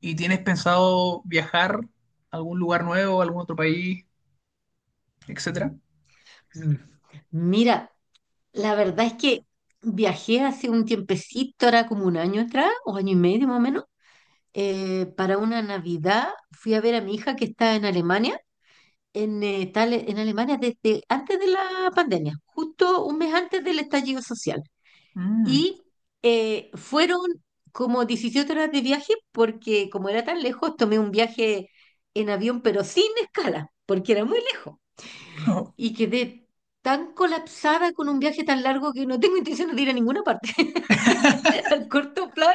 ¿Y tienes pensado viajar a algún lugar nuevo, a algún otro país, etcétera? Mm. Mira, la verdad es que viajé hace un tiempecito, era como un año atrás, o año y medio más o menos, para una Navidad fui a ver a mi hija que está en Alemania, en Alemania desde antes de la pandemia, justo un mes antes del estallido social. Mm, Y fueron como 17 horas de viaje porque como era tan lejos, tomé un viaje en avión, pero sin escala, porque era muy lejos no. y quedé tan colapsada con un viaje tan largo que no tengo intención de ir a ninguna parte al corto plazo.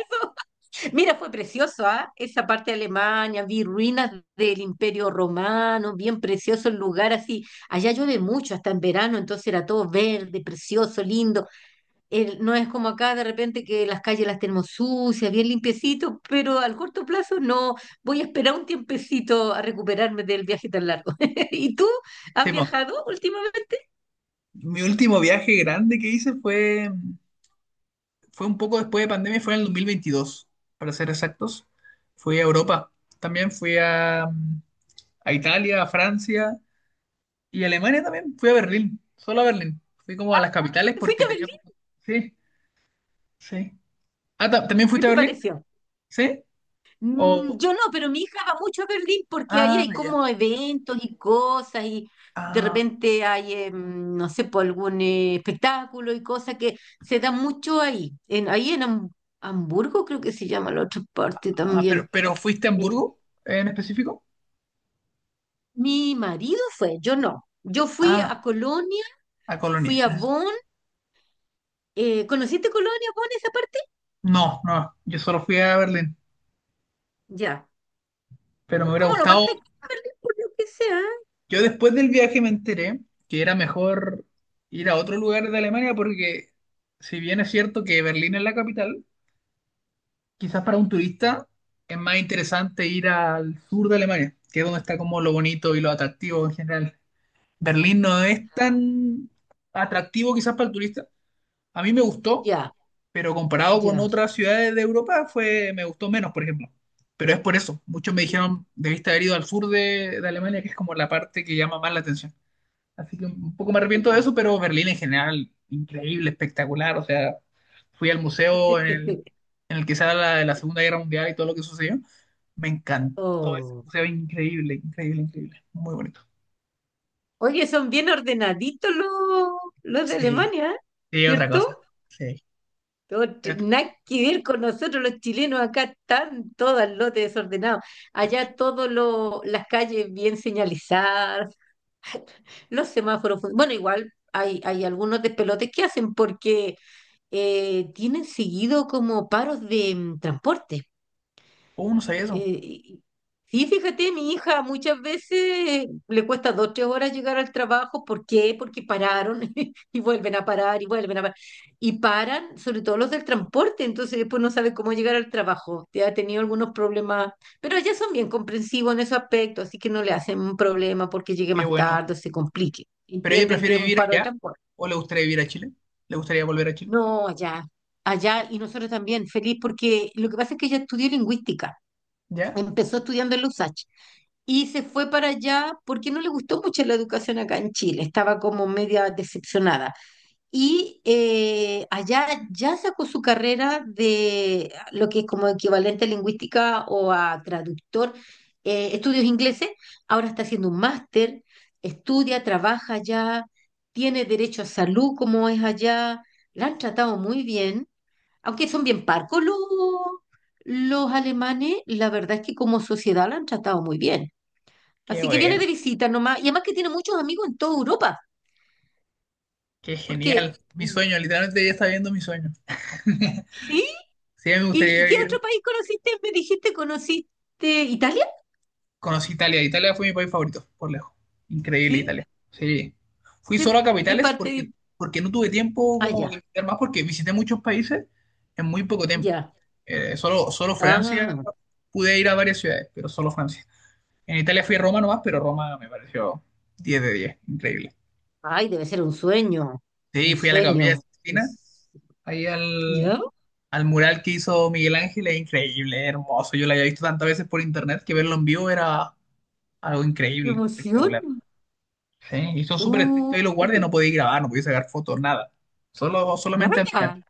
Mira, fue precioso, ¿ah? Esa parte de Alemania, vi ruinas del Imperio Romano, bien precioso el lugar así. Allá llueve mucho, hasta en verano, entonces era todo verde, precioso, lindo. No es como acá de repente que las calles las tenemos sucias, bien limpiecitos, pero al corto plazo no. Voy a esperar un tiempecito a recuperarme del viaje tan largo. ¿Y tú Sí, has po. viajado últimamente? Mi último viaje grande que hice fue, un poco después de pandemia, fue en el 2022, para ser exactos. Fui a Europa, también fui a Italia, a Francia y a Alemania también. Fui a Berlín, solo a Berlín. Fui como a las capitales ¿Fuiste porque a tenía Berlín? poco. Sí, sí. Ah, ¿también ¿Qué fuiste a te Berlín? pareció? ¿Sí? O... Yo no, pero mi hija va mucho a Berlín porque ahí Ah, hay ya. como eventos y cosas y de Ah. repente hay, no sé, por algún espectáculo y cosas que se da mucho ahí. Ahí en Hamburgo creo que se llama la otra parte Ah, pero, también. pero ¿fuiste a Eh, Hamburgo en específico? Mi marido fue, yo no. Yo fui Ah, a Colonia, a fui Colonia. a Bonn. ¿Conociste Colonia, Bonn, esa parte? No, no, yo solo fui a Berlín, Ya. pero me Es hubiera como lo más gustado. cerca de Berlín, por lo que sea. Yo después del viaje me enteré que era mejor ir a otro lugar de Alemania porque si bien es cierto que Berlín es la capital, quizás para un turista es más interesante ir al sur de Alemania, que es donde está como lo bonito y lo atractivo en general. Berlín no es tan atractivo quizás para el turista. A mí me gustó, Ya, pero comparado con ya, otras ciudades de Europa fue, me gustó menos, por ejemplo. Pero es por eso. Muchos me dijeron, debiste haber ido al sur de Alemania, que es como la parte que llama más la atención. Así que un poco me arrepiento de ya. eso, pero Berlín en general, increíble, espectacular. O sea, fui al museo en el que se habla de la Segunda Guerra Mundial y todo lo que sucedió. Me encantó ese Oh. museo, increíble, increíble, increíble. Muy bonito. Oye, son bien ordenaditos los de Sí, Alemania, ¿eh? sí, otra cosa. ¿Cierto? Sí. Pero- Nada que ver con nosotros los chilenos, acá están todos al lote desordenado. Allá todas las calles bien señalizadas, los semáforos. Bueno, igual hay, algunos despelotes que hacen porque tienen seguido como paros de transporte. Oh, no sabía eso. Eh, y- sí, fíjate, mi hija muchas veces le cuesta 2, 3 horas llegar al trabajo. ¿Por qué? Porque pararon y vuelven a parar y vuelven a parar. Y paran, sobre todo los del transporte, entonces después no sabe cómo llegar al trabajo. Ya ha tenido algunos problemas, pero ya son bien comprensivos en ese aspecto, así que no le hacen un problema porque llegue Qué más bueno. tarde o se complique. ¿Pero ella Entienden que prefiere es un vivir paro de allá? transporte. ¿O le gustaría vivir a Chile? ¿Le gustaría volver a Chile? No, allá, allá, y nosotros también, feliz, porque lo que pasa es que ella estudió lingüística. ¿Ya? Empezó estudiando en la USACH y se fue para allá porque no le gustó mucho la educación acá en Chile, estaba como media decepcionada. Y allá ya sacó su carrera de lo que es como equivalente a lingüística o a traductor, estudios ingleses, ahora está haciendo un máster, estudia, trabaja allá, tiene derecho a salud como es allá, la han tratado muy bien, aunque son bien parcos los alemanes, la verdad es que como sociedad la han tratado muy bien. Qué Así que viene bueno, de visita nomás. Y además que tiene muchos amigos en toda Europa. qué genial. Porque, Mi sueño, literalmente ella está viendo mi sueño. ¿sí? Sí, a mí me ¿Y, gustaría y qué vivir. otro país conociste? Me dijiste, ¿conociste Italia? Conocí Italia. Italia fue mi país favorito, por lejos. Increíble ¿Sí? Italia. Sí. Fui ¿Qué, solo a qué capitales parte? porque, no tuve tiempo Ah, como de ya, visitar más, porque visité muchos países en muy poco tiempo. ya. Solo Francia, Ah, pude ir a varias ciudades, pero solo Francia. En Italia fui a Roma nomás, pero Roma me pareció 10 de 10, increíble. ay, debe ser un sueño. Sí, Un fui a la capilla de sueño. Sixtina, Pues, ahí al, ¿ya? al mural que hizo Miguel Ángel, es increíble, es hermoso. Yo lo había visto tantas veces por internet que verlo en vivo era algo ¡Qué increíble, emoción! espectacular. Sí, y son súper estrictos ahí los guardias, Uy, no podéis grabar, no podéis sacar fotos, nada. Solo, solamente admirar. nada.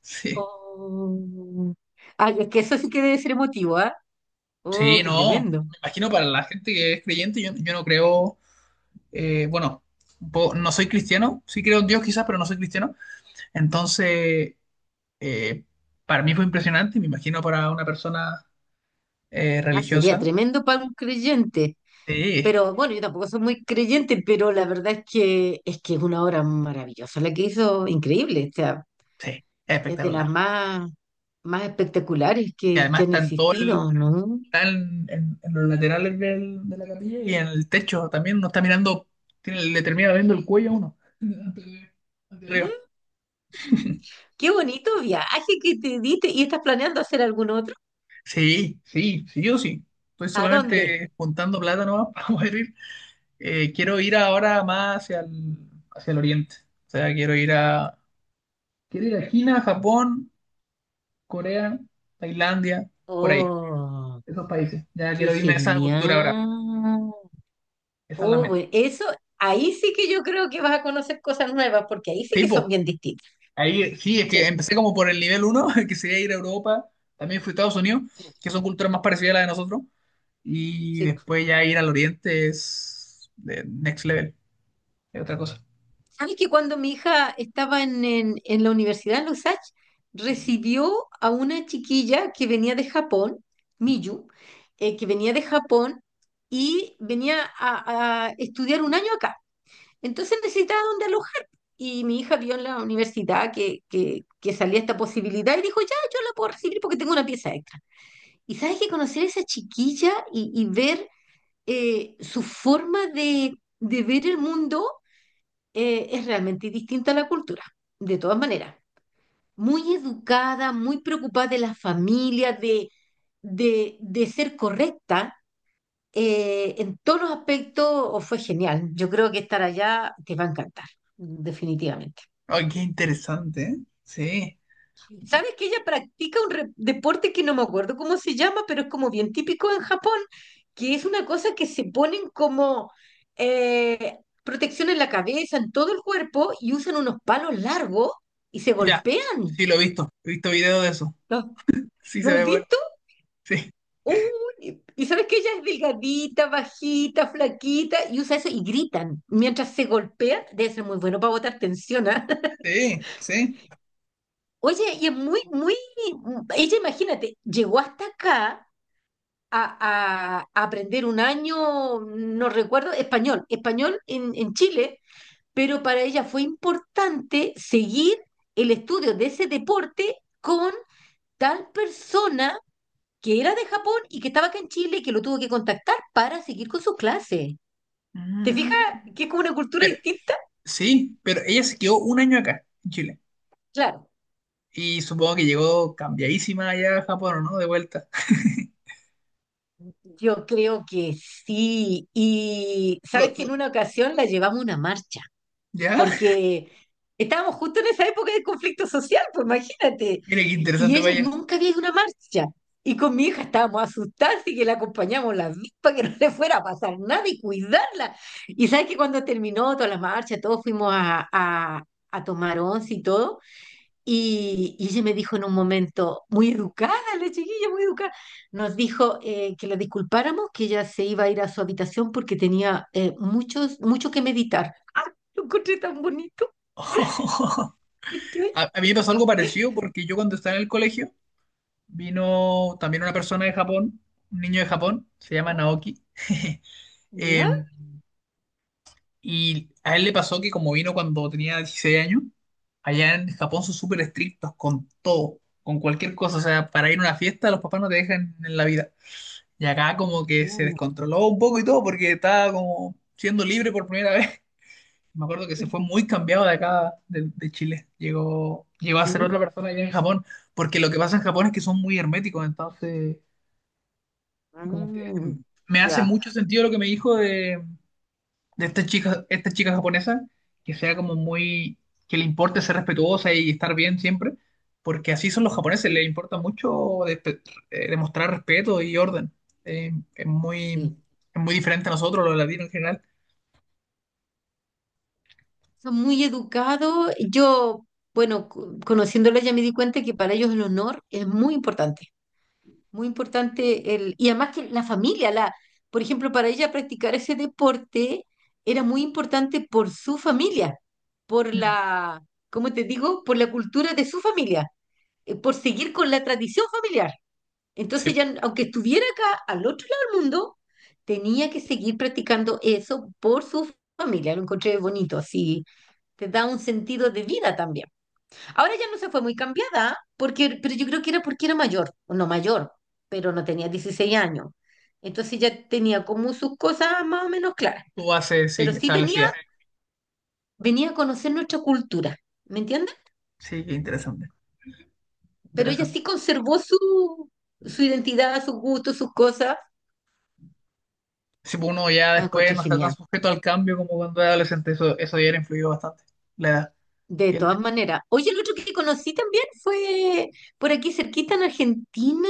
Sí. Oh. Ay, es que eso sí que debe ser emotivo, ¿ah? Oh, Sí, qué no. tremendo. Me imagino para la gente que es creyente, yo no creo, bueno, un no soy cristiano, sí creo en Dios quizás, pero no soy cristiano. Entonces, eh, para mí fue impresionante, y me imagino para una persona Ah, sería religiosa. tremendo para un creyente. Sí, Pero bueno, yo tampoco soy muy creyente, pero la verdad es que es una obra maravillosa, la que hizo increíble, o sea, sí, es es de espectacular. las más, más espectaculares Y que además han existido, ¿no? están en los laterales de la capilla y en el techo también. Uno está mirando, le termina viendo el cuello a uno. Antes de arriba. Mm, Qué bonito viaje que te diste. ¿Y estás planeando hacer algún otro? Sí, sí, sí, yo sí. Estoy ¿A dónde? solamente juntando plata nomás para poder ir. Quiero ir ahora más hacia el oriente. O sea, quiero ir a China, Japón, Corea, Tailandia, por ahí, Oh, esos países. Ya qué quiero irme a esa cultura ahora. genial. Esa es la Oh, meta. bueno, eso, ahí sí que yo creo que vas a conocer cosas nuevas, porque ahí sí Sí, que son po. bien distintas. Ahí, sí, es que Sí, empecé como por el nivel uno, que sería ir a Europa. También fui a Estados Unidos, que son culturas más parecidas a la de nosotros. Y sí. después ya ir al Oriente es de next level. Es otra cosa. Sabes que cuando mi hija estaba en, en la universidad en los Lusach, recibió a una chiquilla que venía de Japón, Miyu, que venía de Japón y venía a estudiar un año acá. Entonces necesitaba dónde alojar. Y mi hija vio en la universidad que, que salía esta posibilidad y dijo, ya, yo la puedo recibir porque tengo una pieza extra. Y sabes que conocer a esa chiquilla y ver su forma de ver el mundo es realmente distinta a la cultura, de todas maneras. Muy educada, muy preocupada de la familia, de, de ser correcta en todos los aspectos, o fue genial. Yo creo que estar allá te va a encantar, definitivamente. Ay, qué interesante, ¿eh? Sí. ¿Sabes que ella practica un deporte que no me acuerdo cómo se llama, pero es como bien típico en Japón, que es una cosa que se ponen como eh, protección en la cabeza, en todo el cuerpo, y usan unos palos largos y se Ya, golpean. sí, lo he visto. He visto videos de eso. ¿Los, Sí, se los has ve bueno. visto? Sí, Uy, y sabes que ella es delgadita, bajita, flaquita, y usa eso y gritan. Mientras se golpean, debe ser muy bueno para botar tensión, ¿ah? sí, sí. Oye, y es muy, muy. Ella, imagínate, llegó hasta acá a aprender un año, no recuerdo, español, español en Chile, pero para ella fue importante seguir el estudio de ese deporte con tal persona que era de Japón y que estaba acá en Chile y que lo tuvo que contactar para seguir con sus clases. ¿Te fijas Mm. que es como una cultura Pero, distinta? sí, pero ella se quedó un año acá, en Chile. Claro, Y supongo que llegó cambiadísima allá a Japón, ¿o no? De vuelta. yo creo que sí. Y sabes Lo- que en lo- una ocasión la llevamos a una marcha, ¿Ya? porque estábamos justo en esa época de conflicto social, pues imagínate. Mira qué Y interesante, ella vaya. nunca había ido a una marcha. Y con mi hija estábamos asustadas y que la acompañamos las dos para que no le fuera a pasar nada y cuidarla. Y sabes que cuando terminó toda la marcha, todos fuimos a, a tomar once y todo. Y ella me dijo en un momento, muy educada, la chiquilla, muy educada, nos dijo que la disculpáramos, que ella se iba a ir a su habitación porque tenía muchos, mucho que meditar. ¡Ah! Lo encontré tan bonito. ¿Cachai? A mí me pasó algo parecido porque yo cuando estaba en el colegio vino también una persona de Japón, un niño de Japón, se llama Ya, Naoki. ya. Eh, y a él le pasó que como vino cuando tenía 16 años, allá en Japón son súper estrictos con todo, con cualquier cosa. O sea, para ir a una fiesta los papás no te dejan en la vida. Y acá como que se Mm, descontroló un poco y todo porque estaba como siendo libre por primera vez. Me acuerdo que se fue muy cambiado de acá, de Chile. Llegó a ser mm, otra persona allá en Japón, porque lo que pasa en Japón es que son muy herméticos, entonces, como que mm, me hace ya, mucho sentido lo que me dijo de, esta chica japonesa, que sea como muy, que le importe ser respetuosa y estar bien siempre, porque así son los japoneses, les sí, importa mucho despe- demostrar respeto y orden. Eh, es muy, sí. es muy diferente a nosotros, los latinos en general. Son muy educados. Yo, bueno, conociéndola ya me di cuenta que para ellos el honor es muy importante. Muy importante el, y además que la familia, la, por ejemplo, para ella practicar ese deporte era muy importante por su familia, por Mm. la, ¿cómo te digo? Por la cultura de su familia, por seguir con la tradición familiar. Entonces Sí, ya, aunque estuviera acá al otro lado del mundo, tenía que seguir practicando eso por su familia. Lo encontré bonito, así te da un sentido de vida también. Ahora ya no se fue muy cambiada, porque, pero yo creo que era porque era mayor, o no mayor, pero no tenía 16 años. Entonces ya tenía como sus cosas más o menos claras. tú haces, Pero sí, sí venía, establecida. venía a conocer nuestra cultura, ¿me entiendes? Sí, qué interesante. Pero ella Interesante. sí conservó su, su identidad, sus gustos, sus cosas. Si uno ya Ah, después encontré no está tan genial. sujeto al cambio como cuando era adolescente, eso ya era influido bastante, la edad. De Y el- todas maneras. Oye, el otro que conocí también fue por aquí cerquita en Argentina,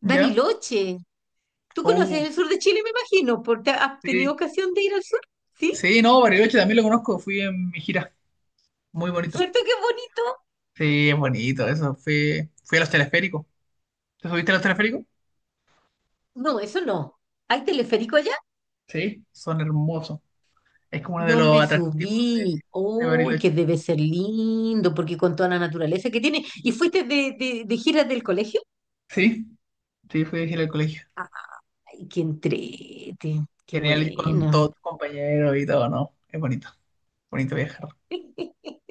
¿Ya? Bariloche. Tú Uh, conoces el sur de Chile, me imagino, porque has sí. tenido ocasión de ir al sur, ¿sí? Sí, no, Bariloche también lo conozco, fui en mi gira, muy bonito. ¿Cierto que es bonito? Sí, es bonito, eso, fui a los teleféricos. ¿Te subiste a los teleféricos? No, eso no. ¿Hay teleférico allá? Sí, son hermosos. Es como uno de No los me atractivos de, subí. de Uy, que Bariloche. debe ser lindo, porque con toda la naturaleza que tiene. ¿Y fuiste de, de giras del colegio? Sí, sí, fui a gira al colegio. Ay, qué entrete, qué Genial ir con bueno. todos tus compañeros y todo, ¿no? Es bonito, bonito viajar.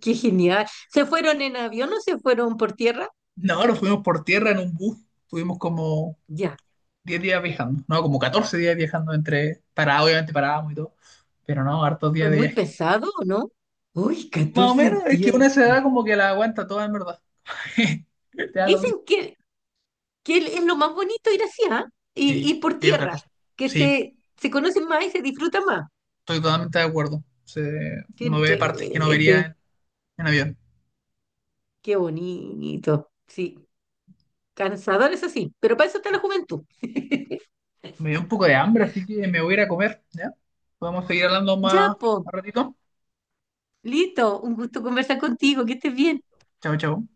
Qué genial. ¿Se fueron en avión o se fueron por tierra? No, nos fuimos por tierra en un bus, tuvimos como Ya, 10 días viajando, no, como 14 días viajando entre, para, obviamente parábamos y todo, pero no, hartos fue días de muy viaje. pesado, ¿no? Uy, Más o 14 menos, es que días. una se da como que la aguanta toda en verdad. Te da lo mismo. Dicen es lo más bonito ir así, ¿ah? Y Sí, ir por sí, otra tierra, cosa. que Sí, se conocen más y se disfruta más. estoy totalmente de acuerdo. Qué, Uno ve partes que no entrete, vería en avión. qué bonito. Sí, cansador eso sí, pero para eso está la juventud. Me dio un poco de hambre, así que me voy a ir a comer, ¿ya? Podemos seguir hablando Ya, más po, un ratito. Lito, un gusto conversar contigo, que estés bien. Chao, chao.